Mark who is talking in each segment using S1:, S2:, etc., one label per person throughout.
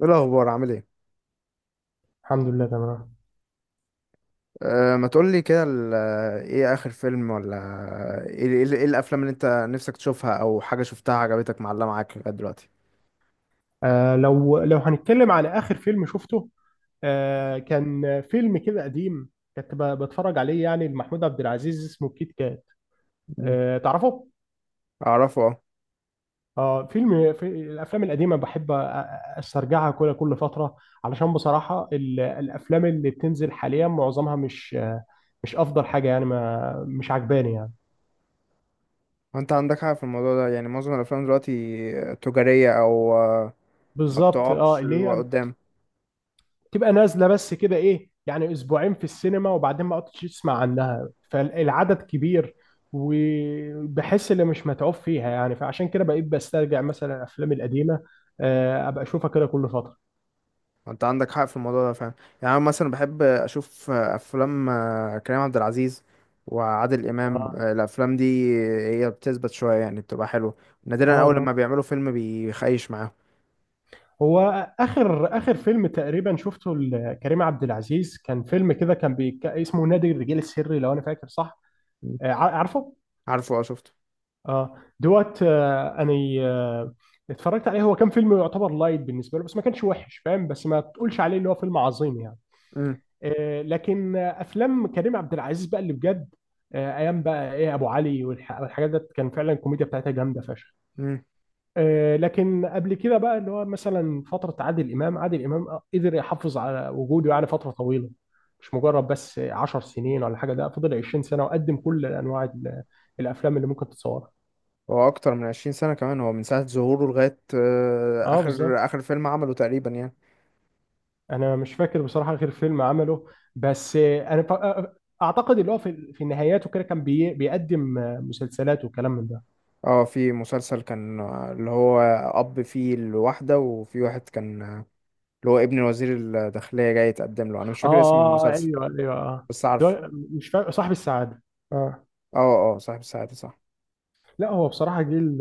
S1: ايه الاخبار؟ عامل ايه؟
S2: الحمد لله تمام.
S1: ما تقول لي كده ايه اخر فيلم؟ ولا ايه، إيه الافلام اللي انت نفسك تشوفها او حاجه شفتها عجبتك معلقه معاك لغايه دلوقتي؟
S2: لو هنتكلم على آخر فيلم شفته، كان فيلم كده قديم. كنت بتفرج عليه يعني لمحمود عبد العزيز، اسمه كيت كات.
S1: مم.
S2: تعرفه؟
S1: اعرفه اه.
S2: اه، فيلم في الافلام القديمه بحب استرجعها كل فتره. علشان بصراحه الافلام اللي بتنزل حاليا معظمها مش افضل حاجه يعني، ما مش عجباني يعني.
S1: انت عندك حاجه في الموضوع ده؟ يعني معظم الافلام دلوقتي تجاريه او ما
S2: بالظبط، اه،
S1: بتقعدش
S2: اللي
S1: اللي
S2: هي
S1: قدام.
S2: تبقى نازله بس كده، ايه يعني، اسبوعين في السينما وبعدين ما قعدتش تسمع عنها، فالعدد كبير وبحس اللي مش متعوب فيها يعني، فعشان كده بقيت بسترجع مثلا الافلام القديمه، ابقى اشوفها كده كل فتره.
S1: انت عندك حق في الموضوع ده فعلا. يعني انا مثلا بحب اشوف افلام كريم عبد العزيز وعادل امام
S2: اه،
S1: الافلام دي هي بتثبت شويه، يعني بتبقى حلوه. نادرا
S2: اه،
S1: اول
S2: طبعاً.
S1: لما بيعملوا فيلم بيخيش معاهم.
S2: هو اخر فيلم تقريبا شفته لكريم عبد العزيز كان فيلم كده، اسمه نادي الرجال السري، لو انا فاكر صح. عارفه.
S1: عارفه اه شفته.
S2: اه، دوت، انا آه اتفرجت عليه، هو كان فيلم يعتبر لايت بالنسبه له بس ما كانش وحش، فاهم، بس ما تقولش عليه اللي هو فيلم عظيم يعني.
S1: امم
S2: لكن افلام كريم عبد العزيز بقى اللي بجد. ايام بقى ايه ابو علي والحاجات ديت، كان فعلا الكوميديا بتاعتها جامده فشخ.
S1: امم.
S2: لكن قبل كده بقى اللي هو مثلا فتره عادل امام قدر يحافظ على وجوده يعني فتره طويله. مش مجرد بس 10 سنين ولا حاجه، ده فضل 20 سنه وقدم كل انواع الافلام اللي ممكن تتصورها.
S1: هو اكتر من 20 سنة كمان، هو من ساعة ظهوره لغاية
S2: اه، بالظبط.
S1: اخر اخر فيلم عمله تقريبا يعني.
S2: انا مش فاكر بصراحه غير فيلم عمله. بس انا فا- اعتقد اللي هو في النهايات وكده كان بيقدم مسلسلات وكلام من ده.
S1: اه في مسلسل كان اللي هو اب فيه الواحدة وفي واحد كان اللي هو ابن وزير الداخلية جاي يتقدم له، انا مش
S2: اه،
S1: فاكر اسم
S2: آه، آه،
S1: المسلسل
S2: ايوه، ايوه، اه.
S1: بس عارف.
S2: ده، مش فاكر صاحب السعاده. اه.
S1: اه. اه صاحب الساعة صح.
S2: لا، هو بصراحه جيل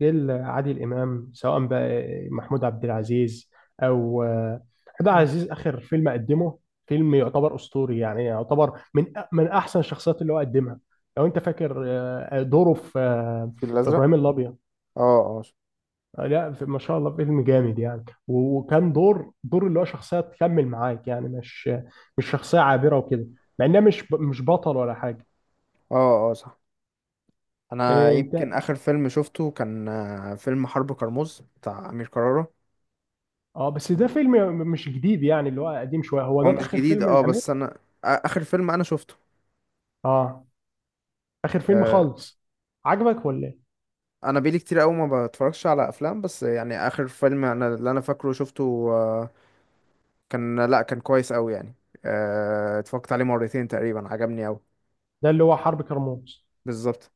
S2: جيل عادل امام، سواء بقى محمود عبد العزيز او عبد
S1: مم.
S2: العزيز اخر فيلم قدمه. فيلم يعتبر اسطوري يعني، يعتبر من احسن الشخصيات اللي هو قدمها. لو انت فاكر، دوره في آه،
S1: في
S2: في
S1: الازرق.
S2: ابراهيم الابيض.
S1: اه اه اه
S2: لا، ما شاء الله فيلم جامد يعني، وكان دور اللي هو شخصية تكمل معاك يعني، مش مش شخصية عابرة وكده. مع انها مش بطل ولا حاجة.
S1: اه. صح. انا
S2: إيه
S1: يمكن
S2: انت.
S1: اخر فيلم شفته كان فيلم حرب كرموز بتاع امير كرارة.
S2: اه، بس ده فيلم مش جديد يعني، اللي هو قديم شوية، هو
S1: هو
S2: ده
S1: مش
S2: اخر
S1: جديد
S2: فيلم
S1: اه،
S2: الامير؟
S1: بس انا اخر فيلم انا شفته
S2: اه، اخر فيلم
S1: آه،
S2: خالص عجبك ولا ايه؟
S1: انا بقالي كتير قوي ما بتفرجش على افلام، بس يعني اخر فيلم انا اللي انا فاكره شفته كان، لا كان كويس قوي يعني. اتفرجت عليه مرتين تقريبا، عجبني قوي.
S2: ده اللي هو حرب كرموز.
S1: بالظبط.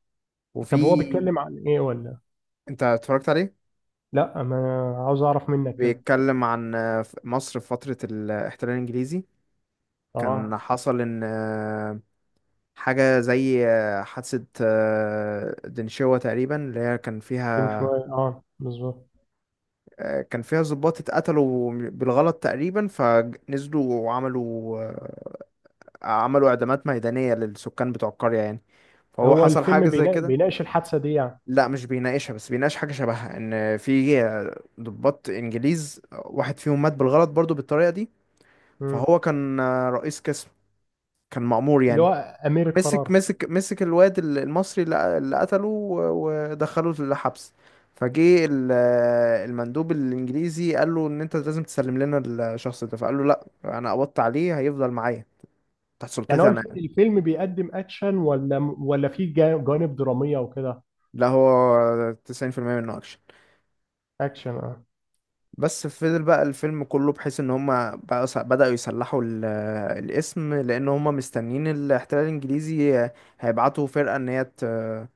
S2: طب، هو
S1: وفي،
S2: بيتكلم عن ايه ولا؟
S1: انت اتفرجت عليه؟
S2: لا، ما عاوز اعرف منك كده.
S1: بيتكلم عن مصر في فترة الاحتلال الانجليزي. كان
S2: اه،
S1: حصل ان حاجة زي حادثة دنشوة تقريبا، اللي هي كان
S2: من
S1: فيها
S2: شوية، اه بالظبط.
S1: كان فيها ضباط اتقتلوا بالغلط تقريبا، فنزلوا وعملوا عملوا اعدامات ميدانية للسكان بتوع القرية يعني. فهو
S2: هو
S1: حصل
S2: الفيلم
S1: حاجة زي كده.
S2: بيناقش الحادثة دي يعني؟
S1: لا مش بيناقشها، بس بيناقش حاجة شبهها، ان في ضباط انجليز واحد فيهم مات بالغلط برضو بالطريقة دي.
S2: مم.
S1: فهو كان رئيس قسم، كان مأمور
S2: اللي هو
S1: يعني.
S2: امير
S1: مسك
S2: القرار.
S1: مسك مسك الواد المصري اللي قتله ودخله الحبس. فجه ال- المندوب الانجليزي قال له ان انت لازم تسلم لنا الشخص ده، فقال له لا انا قبضت عليه، هيفضل معايا تحت
S2: يعني هو
S1: سلطتي انا يعني.
S2: الفيلم بيقدم اكشن، ولا فيه جوانب دراميه وكده؟
S1: لا هو 90% منه اكشن.
S2: اكشن، اه.
S1: بس فضل بقى الفيلم كله، بحيث ان هما بقى بدأوا يصلحوا الاسم، لان هما مستنيين الاحتلال الانجليزي هيبعتوا فرقة ان هي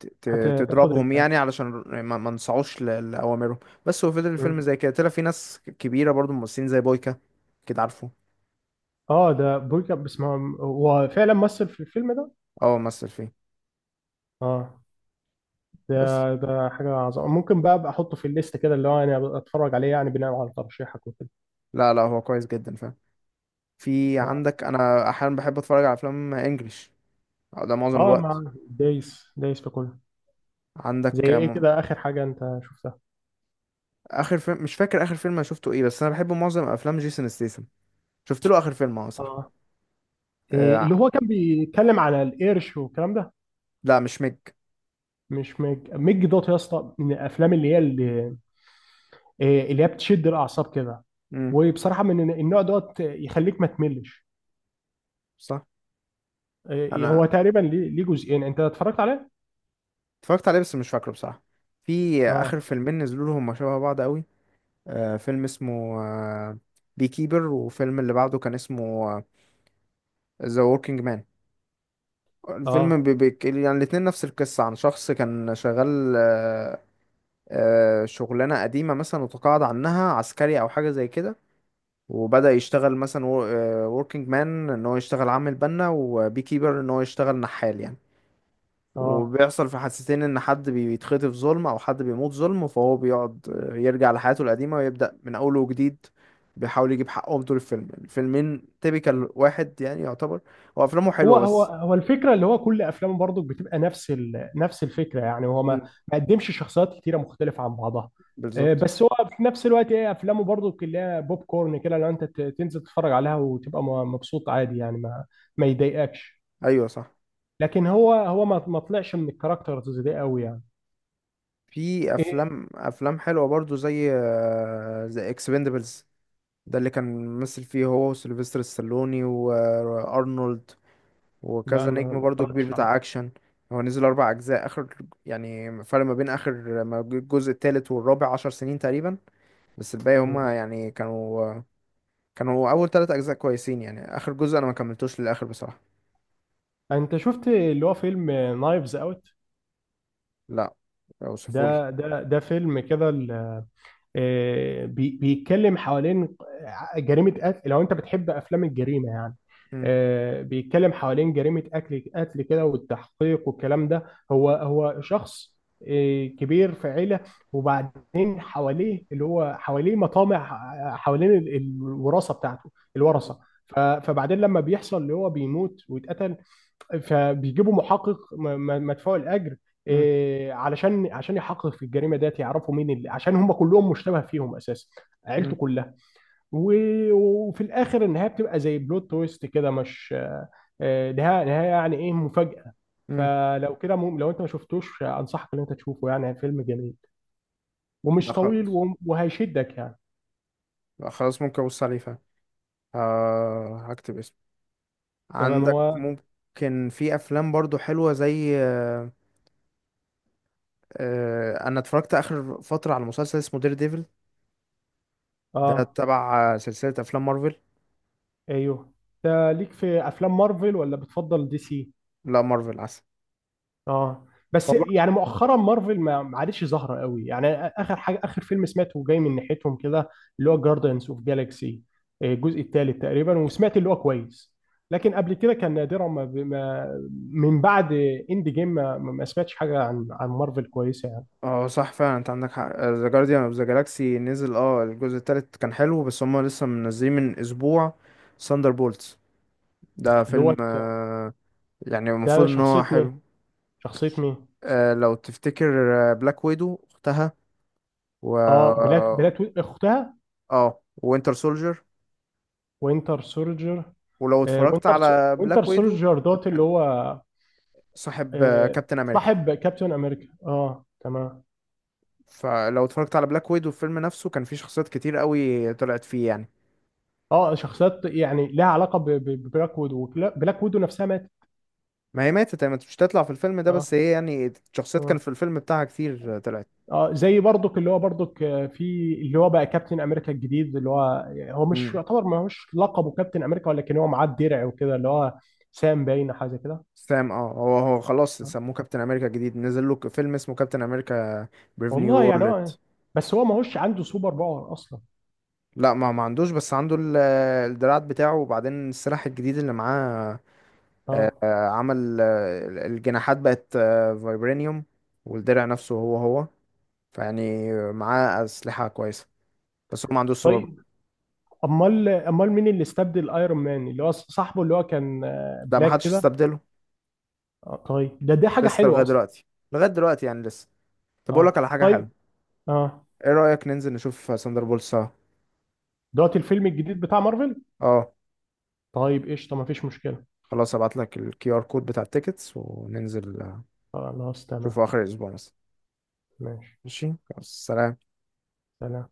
S1: ت-
S2: هتاخد ال...
S1: تضربهم يعني، علشان ما نسعوش لأوامرهم. بس هو فضل الفيلم
S2: م.
S1: زي كده، طلع في ناس كبيرة برضو ممثلين زي بويكا، كده عارفه.
S2: اه، ده بويكا بس هو فعلا مثل في الفيلم ده.
S1: اه مثل فيه.
S2: اه،
S1: بس
S2: ده حاجه عظيمه، ممكن بقى ابقى احطه في الليست كده، اللي هو انا اتفرج عليه يعني بناء على ترشيحك وكده.
S1: لا لا، هو كويس جدا فاهم. في
S2: اه.
S1: عندك، انا احيانا بحب اتفرج على افلام انجليش ده معظم
S2: اه،
S1: الوقت.
S2: مع دايس في كله. زي
S1: عندك
S2: ايه كده، اخر حاجه انت شفتها؟
S1: اخر فيلم، مش فاكر اخر فيلم انا شفته ايه، بس انا بحب معظم افلام جيسون ستيسن. شفت له اخر فيلم اه صح.
S2: اه، إيه اللي
S1: آه.
S2: هو كان بيتكلم على القرش والكلام ده؟
S1: لا مش ميج.
S2: مش ميج، ميج دوت يا اسطى، من الافلام اللي هي اللي... إيه، اللي هي بتشد الاعصاب كده.
S1: امم.
S2: وبصراحه من النوع دوت، يخليك ما تملش.
S1: صح.
S2: إيه،
S1: انا
S2: هو تقريبا ليه جزئين، انت اتفرجت عليه؟
S1: اتفرجت عليه بس مش فاكره بصراحه. في
S2: اه،
S1: اخر فيلمين نزلوا له هما شبه بعض قوي. آه فيلم اسمه آه بي كيبر، وفيلم اللي بعده كان اسمه ذا ووركينج مان. الفيلم
S2: اه،
S1: بي بي يعني الاتنين نفس القصة، عن شخص كان شغال آه شغلانة قديمة مثلا، وتقاعد عنها عسكري أو حاجة زي كده، وبدأ يشتغل مثلا وركينج مان ان هو يشتغل عامل بنا، وبي كيبر ان هو يشتغل نحال يعني.
S2: اه.
S1: وبيحصل في حادثتين ان حد بيتخطف ظلم او حد بيموت ظلم، فهو بيقعد يرجع لحياته القديمة ويبدأ من اول وجديد. بيحاول يجيب حقهم طول الفيلم. الفيلمين تيبيكال واحد يعني يعتبر. هو افلامه
S2: هو
S1: حلوة
S2: هو
S1: بس.
S2: هو الفكره اللي هو كل افلامه برضو بتبقى نفس نفس الفكره يعني، هو ما
S1: مم.
S2: ما قدمش شخصيات كتيره مختلفه عن بعضها. إيه،
S1: بالظبط.
S2: بس هو في نفس الوقت، ايه، افلامه برضو كلها بوب كورن كده، لو انت تنزل تتفرج عليها وتبقى مبسوط عادي يعني، ما يضايقكش.
S1: ايوه صح.
S2: لكن هو ما طلعش من الكاركترز دي قوي يعني.
S1: في افلام افلام حلوة برضو زي زي اكسبندبلز. ده اللي كان ممثل فيه هو وسيلفستر ستالوني وارنولد
S2: لا،
S1: وكذا
S2: انا
S1: نجم
S2: ما
S1: برضو كبير
S2: اتفرجتش
S1: بتاع
S2: عليه.
S1: اكشن. هو نزل 4 اجزاء اخر يعني. فرق ما بين اخر ما الجزء التالت والرابع 10 سنين تقريبا. بس الباقي
S2: مم.
S1: هما يعني كانوا، كانوا اول 3 اجزاء كويسين يعني، اخر جزء انا ما كملتوش للاخر بصراحة.
S2: انت شفت اللي هو فيلم نايفز اوت؟
S1: لا اوصفولي.
S2: ده فيلم كده بيتكلم حوالين جريمة قتل، لو انت بتحب افلام الجريمة يعني.
S1: مم.
S2: بيتكلم حوالين جريمة قتل كده، والتحقيق والكلام ده. هو شخص كبير في عيلة. وبعدين حواليه اللي هو حواليه مطامع، حوالين الوراثة بتاعته، الورثة. فبعدين لما بيحصل اللي هو بيموت ويتقتل، فبيجيبوا محقق مدفوع الاجر،
S1: مم.
S2: إيه، عشان يحقق في الجريمه ديت، يعرفوا مين اللي، عشان هم كلهم مشتبه فيهم اساسا. عيلته
S1: مم.
S2: كلها. وفي الاخر النهايه بتبقى زي بلوت تويست كده، مش، آه، نهايه نهايه يعني، ايه مفاجاه.
S1: مم.
S2: فلو كده، لو انت ما شفتوش انصحك ان انت تشوفه يعني، فيلم جميل
S1: لا
S2: ومش طويل،
S1: خلاص،
S2: وهيشدك يعني.
S1: لا خلاص ممكن ابص عليه فعلا. آه هكتب اسمه.
S2: تمام،
S1: عندك
S2: هو.
S1: ممكن في افلام برضو حلوه زي آه. آه انا اتفرجت اخر فتره على مسلسل اسمه دير ديفل. ده
S2: اه،
S1: تبع سلسلة أفلام مارفل.
S2: ايوه. ده ليك في افلام مارفل ولا بتفضل DC؟
S1: لا مارفل عسل.
S2: اه،
S1: هو
S2: بس
S1: بقى-
S2: يعني مؤخرا مارفل ما عادتش ظاهره قوي يعني، اخر فيلم سمعته جاي من ناحيتهم كده، اللي هو جاردنز اوف جالاكسي الجزء الثالث تقريبا، وسمعت اللي هو كويس. لكن قبل كده كان نادرا ما, ما من بعد اند جيم، ما سمعتش حاجه عن مارفل كويسه يعني.
S1: اه صح فعلا، انت عندك حق. ذا جارديان اوف ذا جالاكسي نزل اه الجزء التالت كان حلو، بس هما لسه منزلين من اسبوع ثاندر بولتس. ده فيلم
S2: دوت.
S1: يعني المفروض
S2: ده
S1: ان هو
S2: شخصيه مين
S1: حلو.
S2: شخصيه مين
S1: لو تفتكر بلاك ويدو اختها و
S2: اه، بلاك اختها.
S1: اه وينتر سولجر.
S2: وينتر سولجر.
S1: ولو اتفرجت على
S2: وينتر
S1: بلاك ويدو،
S2: سولجر دوت، اللي
S1: كان
S2: هو.
S1: صاحب كابتن امريكا.
S2: صاحب كابتن امريكا، اه تمام.
S1: فلو اتفرجت على بلاك ويدو الفيلم نفسه، كان فيه شخصيات كتير قوي طلعت فيه يعني.
S2: اه، شخصيات يعني لها علاقه ببلاك ويدو، بلاك ويدو نفسها ماتت.
S1: ما هي ماتت، مش تطلع في الفيلم ده،
S2: اه،
S1: بس هي يعني شخصيات كان
S2: اه،
S1: في الفيلم بتاعها كتير طلعت.
S2: اه. زي برضك اللي هو برضك، في اللي هو بقى كابتن امريكا الجديد اللي هو يعني، هو مش
S1: امم.
S2: يعتبر، ما هوش لقبه كابتن امريكا ولكن هو معاه الدرع وكده اللي هو سام باين حاجه زي كده.
S1: سام اه، هو خلاص
S2: آه.
S1: سموه كابتن امريكا جديد، نزل له فيلم اسمه كابتن امريكا بريف نيو
S2: والله يعني
S1: وورلد.
S2: هو، بس هو ما هوش عنده سوبر باور اصلا.
S1: لا ما عندوش، بس عنده الدراعات بتاعه، وبعدين السلاح الجديد اللي معاه
S2: اه،
S1: آه، عمل الجناحات بقت فايبرينيوم، والدرع نفسه هو. فيعني معاه أسلحة كويسة، بس هو ما عندوش سوبر باور.
S2: طيب. امال مين اللي استبدل ايرون مان اللي هو صاحبه اللي هو كان
S1: ده ما
S2: بلاك
S1: حدش
S2: كده؟
S1: استبدله،
S2: طيب، دي حاجه
S1: لسه لغاية
S2: حلوه اصلا.
S1: دلوقتي. لغاية دلوقتي يعني لسه. طب أقول لك على
S2: اه،
S1: حاجة
S2: طيب،
S1: حلوة،
S2: اه.
S1: ايه رأيك ننزل نشوف ساندر بول سوا؟
S2: دلوقتي الفيلم الجديد بتاع مارفل؟
S1: اه
S2: طيب، قشطة، مفيش مشكلة.
S1: خلاص، هبعت لك الكي ار كود بتاع التيكتس وننزل
S2: خلاص،
S1: نشوفه
S2: تمام.
S1: اخر الاسبوع مثلا.
S2: ماشي،
S1: ماشي خلاص. سلام.
S2: سلام.